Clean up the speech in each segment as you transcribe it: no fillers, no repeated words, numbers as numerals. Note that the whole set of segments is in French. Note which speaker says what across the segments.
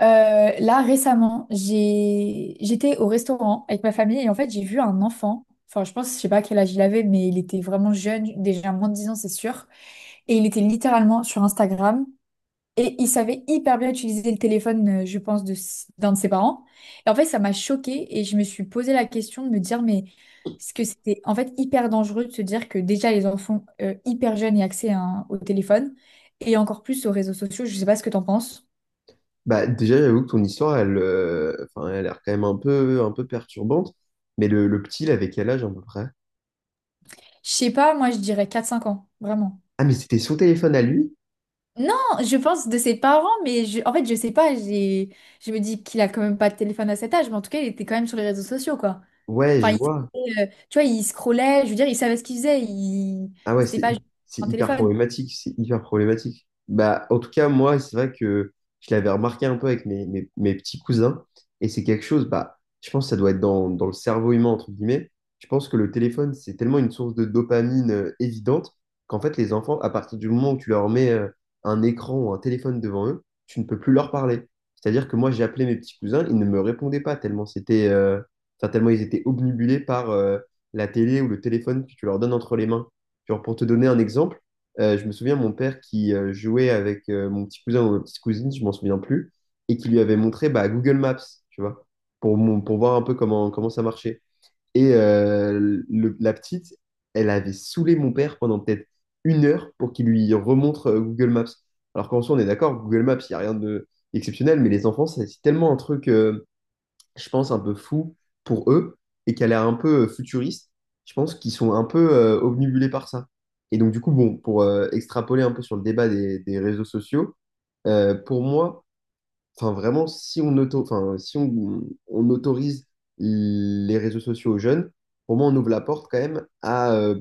Speaker 1: Là, récemment, j'étais au restaurant avec ma famille et en fait, j'ai vu un enfant. Enfin, je pense, je sais pas quel âge il avait, mais il était vraiment jeune, déjà moins de 10 ans, c'est sûr. Et il était littéralement sur Instagram et il savait hyper bien utiliser le téléphone, je pense, d'un de ses parents. Et en fait, ça m'a choquée et je me suis posé la question de me dire, mais est-ce que c'était en fait hyper dangereux de se dire que déjà les enfants hyper jeunes aient accès à au téléphone et encore plus aux réseaux sociaux? Je sais pas ce que t'en penses.
Speaker 2: Bah, déjà, j'avoue que ton histoire, elle, elle a l'air quand même un peu perturbante. Mais le petit, il avait quel âge à peu près?
Speaker 1: Je sais pas, moi je dirais 4 5 ans, vraiment.
Speaker 2: Ah, mais c'était son téléphone à lui?
Speaker 1: Non, je pense de ses parents, mais en fait je sais pas, je me dis qu'il a quand même pas de téléphone à cet âge, mais en tout cas il était quand même sur les réseaux sociaux, quoi.
Speaker 2: Ouais, je
Speaker 1: Enfin, il,
Speaker 2: vois.
Speaker 1: savait, tu vois, il scrollait, je veux dire, il savait ce qu'il faisait,
Speaker 2: Ah ouais,
Speaker 1: c'était
Speaker 2: c'est
Speaker 1: pas
Speaker 2: hy-
Speaker 1: juste
Speaker 2: c'est
Speaker 1: un
Speaker 2: hyper
Speaker 1: téléphone.
Speaker 2: problématique, c'est hyper problématique. Bah, en tout cas, moi, c'est vrai que je l'avais remarqué un peu avec mes petits cousins, et c'est quelque chose, bah, je pense que ça doit être dans le cerveau humain, entre guillemets. Je pense que le téléphone, c'est tellement une source de dopamine évidente qu'en fait, les enfants, à partir du moment où tu leur mets un écran ou un téléphone devant eux, tu ne peux plus leur parler. C'est-à-dire que moi, j'ai appelé mes petits cousins, ils ne me répondaient pas tellement tellement ils étaient obnubilés par la télé ou le téléphone que tu leur donnes entre les mains. Genre, pour te donner un exemple, je me souviens mon père qui jouait avec mon petit cousin ou ma petite cousine, je m'en souviens plus, et qui lui avait montré bah, Google Maps, tu vois, pour, pour voir un peu comment ça marchait. Et la petite, elle avait saoulé mon père pendant peut-être une heure pour qu'il lui remontre Google Maps. Alors qu'en soi, on est d'accord, Google Maps, il n'y a rien de exceptionnel, mais les enfants, c'est tellement un truc, je pense, un peu fou pour eux et qui a l'air un peu futuriste. Je pense qu'ils sont un peu obnubilés par ça. Et donc, du coup, bon, pour extrapoler un peu sur le débat des réseaux sociaux, pour moi, vraiment, si on autorise les réseaux sociaux aux jeunes, pour moi, on ouvre la porte quand même à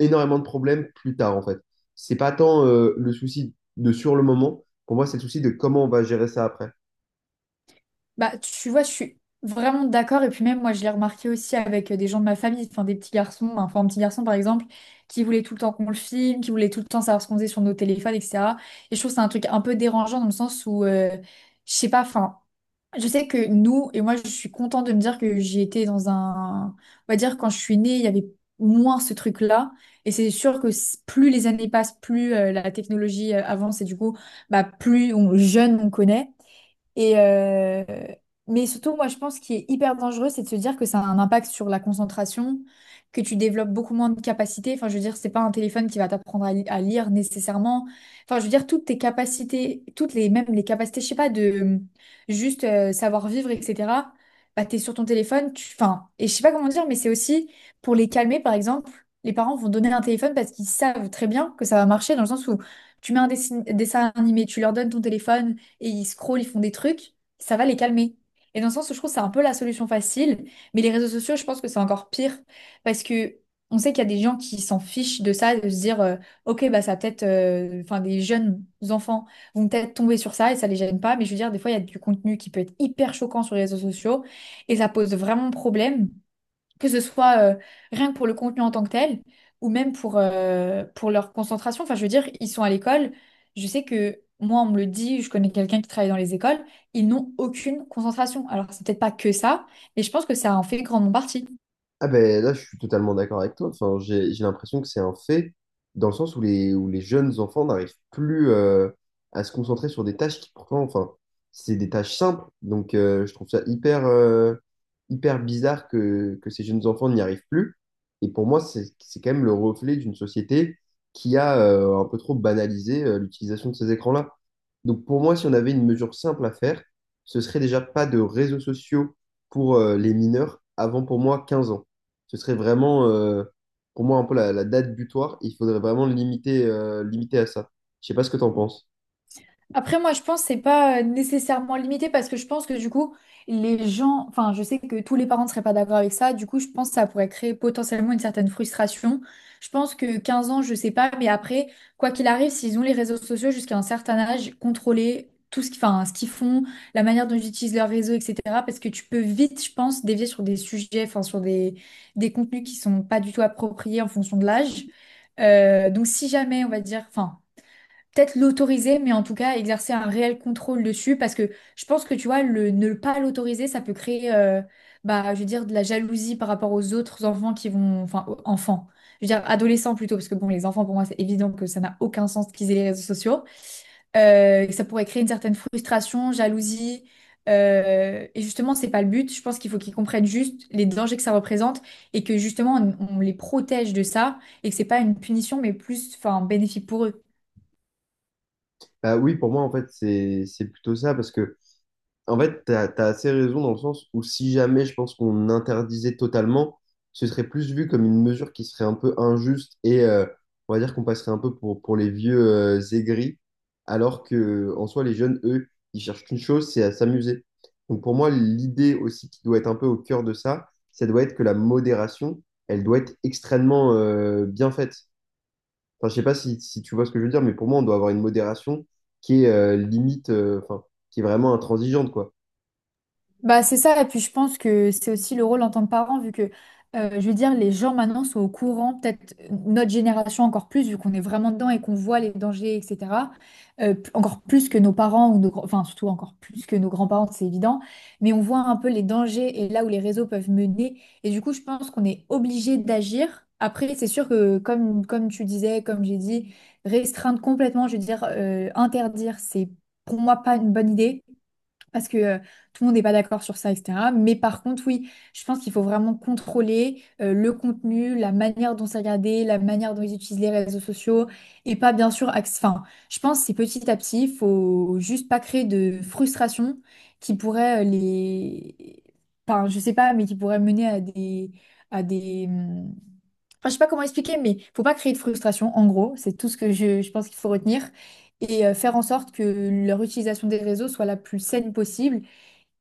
Speaker 2: énormément de problèmes plus tard, en fait. C'est pas tant le souci de sur le moment, pour moi, c'est le souci de comment on va gérer ça après.
Speaker 1: Bah, tu vois, je suis vraiment d'accord, et puis même moi je l'ai remarqué aussi avec des gens de ma famille, enfin des petits garçons, enfin un petit garçon par exemple, qui voulait tout le temps qu'on le filme, qui voulait tout le temps savoir ce qu'on faisait sur nos téléphones, etc. Et je trouve que c'est un truc un peu dérangeant dans le sens où... je sais pas, enfin, je sais que nous, et moi je suis contente de me dire que j'ai été on va dire quand je suis née, il y avait moins ce truc-là. Et c'est sûr que plus les années passent, plus la technologie avance et du coup, bah, plus on jeune on connaît. Et, euh, mais surtout, moi, je pense qu'il est hyper dangereux, c'est de se dire que ça a un impact sur la concentration, que tu développes beaucoup moins de capacités. Enfin, je veux dire, c'est pas un téléphone qui va t'apprendre à lire nécessairement. Enfin, je veux dire, toutes tes capacités, même les capacités, je sais pas, de juste savoir vivre, etc. Bah, t'es sur ton téléphone, et je sais pas comment dire, mais c'est aussi pour les calmer, par exemple, les parents vont donner un téléphone parce qu'ils savent très bien que ça va marcher dans le sens où tu mets un dessin animé, tu leur donnes ton téléphone et ils scrollent, ils font des trucs, ça va les calmer. Et dans le sens où je trouve que c'est un peu la solution facile, mais les réseaux sociaux, je pense que c'est encore pire parce que on sait qu'il y a des gens qui s'en fichent de ça, de se dire ok bah ça enfin des jeunes enfants vont peut-être tomber sur ça et ça les gêne pas, mais je veux dire des fois il y a du contenu qui peut être hyper choquant sur les réseaux sociaux et ça pose vraiment problème que ce soit rien que pour le contenu en tant que tel, ou même pour leur concentration. Enfin, je veux dire, ils sont à l'école. Je sais que moi, on me le dit, je connais quelqu'un qui travaille dans les écoles, ils n'ont aucune concentration. Alors, c'est peut-être pas que ça, mais je pense que ça en fait grandement partie.
Speaker 2: Ah ben là, je suis totalement d'accord avec toi. Enfin, j'ai l'impression que c'est un fait, dans le sens où où les jeunes enfants n'arrivent plus à se concentrer sur des tâches qui pourtant, enfin, c'est des tâches simples. Donc, je trouve ça hyper bizarre que ces jeunes enfants n'y arrivent plus. Et pour moi, c'est quand même le reflet d'une société qui a un peu trop banalisé l'utilisation de ces écrans-là. Donc, pour moi, si on avait une mesure simple à faire, ce serait déjà pas de réseaux sociaux pour les mineurs avant, pour moi, 15 ans, ce serait vraiment, pour moi, un peu la date butoir. Il faudrait vraiment le limiter, limiter à ça. Je sais pas ce que tu en penses.
Speaker 1: Après, moi, je pense que c'est pas nécessairement limité parce que je pense que du coup, les gens, enfin, je sais que tous les parents ne seraient pas d'accord avec ça. Du coup, je pense que ça pourrait créer potentiellement une certaine frustration. Je pense que 15 ans, je sais pas, mais après, quoi qu'il arrive, s'ils ont les réseaux sociaux jusqu'à un certain âge, contrôler enfin, ce qu'ils font, la manière dont ils utilisent leurs réseaux, etc. Parce que tu peux vite, je pense, dévier sur des sujets, enfin, sur des contenus qui sont pas du tout appropriés en fonction de l'âge. Donc, si jamais, on va dire, enfin, peut-être l'autoriser, mais en tout cas exercer un réel contrôle dessus, parce que je pense que tu vois, ne pas l'autoriser, ça peut bah, je veux dire, de la jalousie par rapport aux autres enfants qui vont, je veux dire, adolescents plutôt, parce que bon, les enfants, pour moi, c'est évident que ça n'a aucun sens qu'ils aient les réseaux sociaux. Ça pourrait créer une certaine frustration, jalousie. Et justement, c'est pas le but. Je pense qu'il faut qu'ils comprennent juste les dangers que ça représente et que justement on les protège de ça et que c'est pas une punition mais plus enfin un bénéfice pour eux.
Speaker 2: Bah oui, pour moi, en fait, c'est plutôt ça, parce que en fait, assez raison dans le sens où si jamais je pense qu'on interdisait totalement, ce serait plus vu comme une mesure qui serait un peu injuste et on va dire qu'on passerait un peu pour les vieux aigris, alors que en soi, les jeunes, eux, ils cherchent qu'une chose, c'est à s'amuser. Donc pour moi, l'idée aussi qui doit être un peu au cœur de ça, ça doit être que la modération, elle doit être extrêmement bien faite. Enfin, je sais pas si tu vois ce que je veux dire, mais pour moi, on doit avoir une modération qui est qui est vraiment intransigeante, quoi.
Speaker 1: Bah, c'est ça, et puis je pense que c'est aussi le rôle en tant que parent, je veux dire, les gens maintenant sont au courant, peut-être notre génération encore plus, vu qu'on est vraiment dedans et qu'on voit les dangers, etc. Encore plus que nos parents, enfin surtout encore plus que nos grands-parents, c'est évident, mais on voit un peu les dangers et là où les réseaux peuvent mener, et du coup, je pense qu'on est obligé d'agir. Après, c'est sûr que, comme tu disais, comme j'ai dit, restreindre complètement, je veux dire, interdire, c'est pour moi pas une bonne idée parce que tout le monde n'est pas d'accord sur ça, etc. Mais par contre, oui, je pense qu'il faut vraiment contrôler le contenu, la manière dont c'est regardé, la manière dont ils utilisent les réseaux sociaux, et pas bien sûr... je pense que c'est petit à petit, il faut juste pas créer de frustration qui pourrait les... Enfin, je sais pas, mais qui pourrait mener à des... à des... hum, je sais pas comment expliquer, mais faut pas créer de frustration, en gros, c'est tout ce que je pense qu'il faut retenir. Et faire en sorte que leur utilisation des réseaux soit la plus saine possible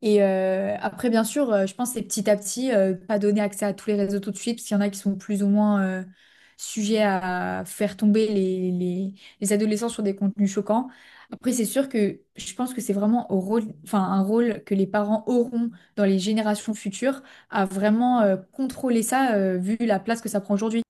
Speaker 1: et après, bien sûr, je pense que c'est petit à petit, pas donner accès à tous les réseaux tout de suite, parce qu'il y en a qui sont plus ou moins sujets à faire tomber les adolescents sur des contenus choquants. Après, c'est sûr que je pense que c'est vraiment au rôle, enfin, un rôle que les parents auront dans les générations futures à vraiment contrôler ça, vu la place que ça prend aujourd'hui.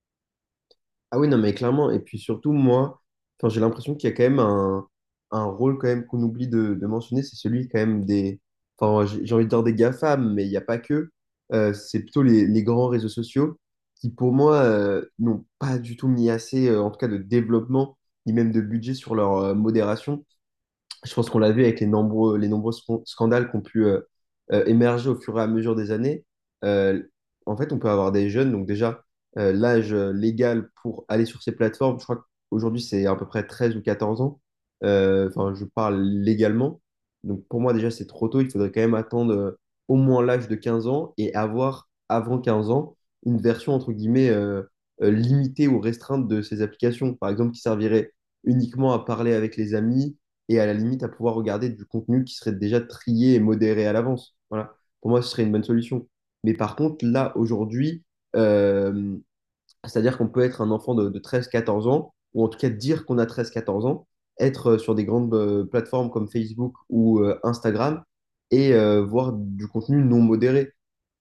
Speaker 2: Ah oui, non, mais clairement. Et puis surtout, moi, enfin, j'ai l'impression qu'il y a quand même un rôle quand même qu'on oublie de mentionner, c'est celui quand même des... Enfin, j'ai envie de dire des GAFAM, mais il n'y a pas que. C'est plutôt les grands réseaux sociaux qui, pour moi, n'ont pas du tout mis assez, en tout cas, de développement, ni même de budget sur leur modération. Je pense qu'on l'a vu avec les nombreux, scandales qui ont pu émerger au fur et à mesure des années. Euh, En fait, on peut avoir des jeunes, donc déjà, l'âge légal pour aller sur ces plateformes, je crois qu'aujourd'hui, c'est à peu près 13 ou 14 ans. Enfin, je parle légalement. Donc pour moi, déjà, c'est trop tôt. Il faudrait quand même attendre au moins l'âge de 15 ans et avoir, avant 15 ans, une version, entre guillemets, limitée ou restreinte de ces applications. Par exemple, qui servirait uniquement à parler avec les amis et à la limite à pouvoir regarder du contenu qui serait déjà trié et modéré à l'avance. Voilà. Pour moi, ce serait une bonne solution. Mais par contre, là, aujourd'hui, euh, c'est-à-dire qu'on peut être un enfant de 13-14 ans, ou en tout cas dire qu'on a 13-14 ans, être sur des grandes plateformes comme Facebook ou Instagram et voir du contenu non modéré,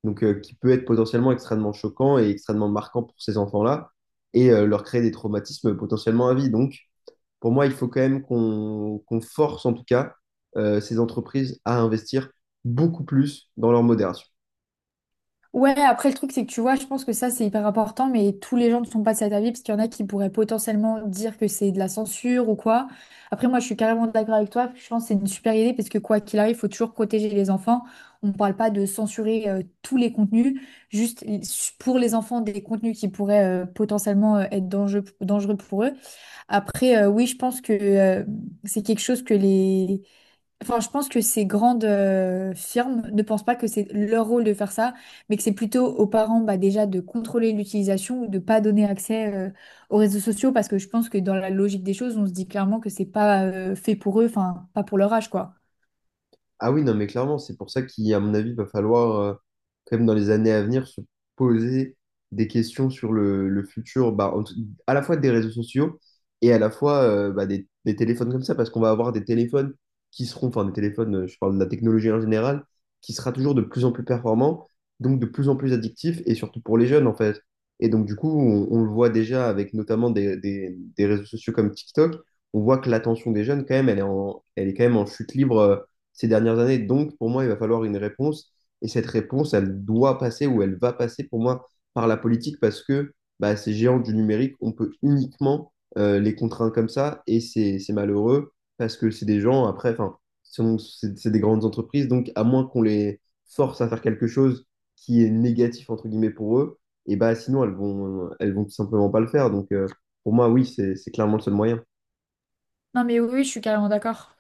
Speaker 2: donc qui peut être potentiellement extrêmement choquant et extrêmement marquant pour ces enfants-là et leur créer des traumatismes potentiellement à vie. Donc, pour moi, il faut quand même qu'on force en tout cas ces entreprises à investir beaucoup plus dans leur modération.
Speaker 1: Ouais, après le truc, c'est que tu vois, je pense que ça, c'est hyper important, mais tous les gens ne sont pas de cet avis, parce qu'il y en a qui pourraient potentiellement dire que c'est de la censure ou quoi. Après, moi, je suis carrément d'accord avec toi, je pense que c'est une super idée, parce que quoi qu'il arrive, il faut toujours protéger les enfants. On ne parle pas de censurer tous les contenus, juste pour les enfants, des contenus qui pourraient potentiellement être dangereux, dangereux pour eux. Après, oui, je pense que c'est quelque chose que je pense que ces grandes firmes ne pensent pas que c'est leur rôle de faire ça, mais que c'est plutôt aux parents bah, déjà de contrôler l'utilisation ou de pas donner accès aux réseaux sociaux parce que je pense que dans la logique des choses, on se dit clairement que c'est pas fait pour eux, enfin pas pour leur âge quoi.
Speaker 2: Ah oui, non, mais clairement, c'est pour ça qu'il, à mon avis, va falloir, quand même, dans les années à venir, se poser des questions sur le futur, bah, à la fois des réseaux sociaux et à la fois bah, des téléphones comme ça, parce qu'on va avoir des téléphones qui seront, enfin, des téléphones, je parle de la technologie en général, qui sera toujours de plus en plus performant, donc de plus en plus addictif, et surtout pour les jeunes, en fait. Et donc, du coup, on le voit déjà avec notamment des réseaux sociaux comme TikTok, on voit que l'attention des jeunes, quand même, elle est quand même en chute libre ces dernières années. Donc, pour moi, il va falloir une réponse. Et cette réponse, elle va passer pour moi par la politique parce que bah, ces géants du numérique, on peut uniquement les contraindre comme ça. Et c'est malheureux parce que c'est des gens, après, c'est des grandes entreprises. Donc, à moins qu'on les force à faire quelque chose qui est négatif, entre guillemets, pour eux, sinon, elles vont tout simplement pas le faire. Donc, pour moi, oui, c'est clairement le seul moyen.
Speaker 1: Non mais oui, oui, je suis carrément d'accord.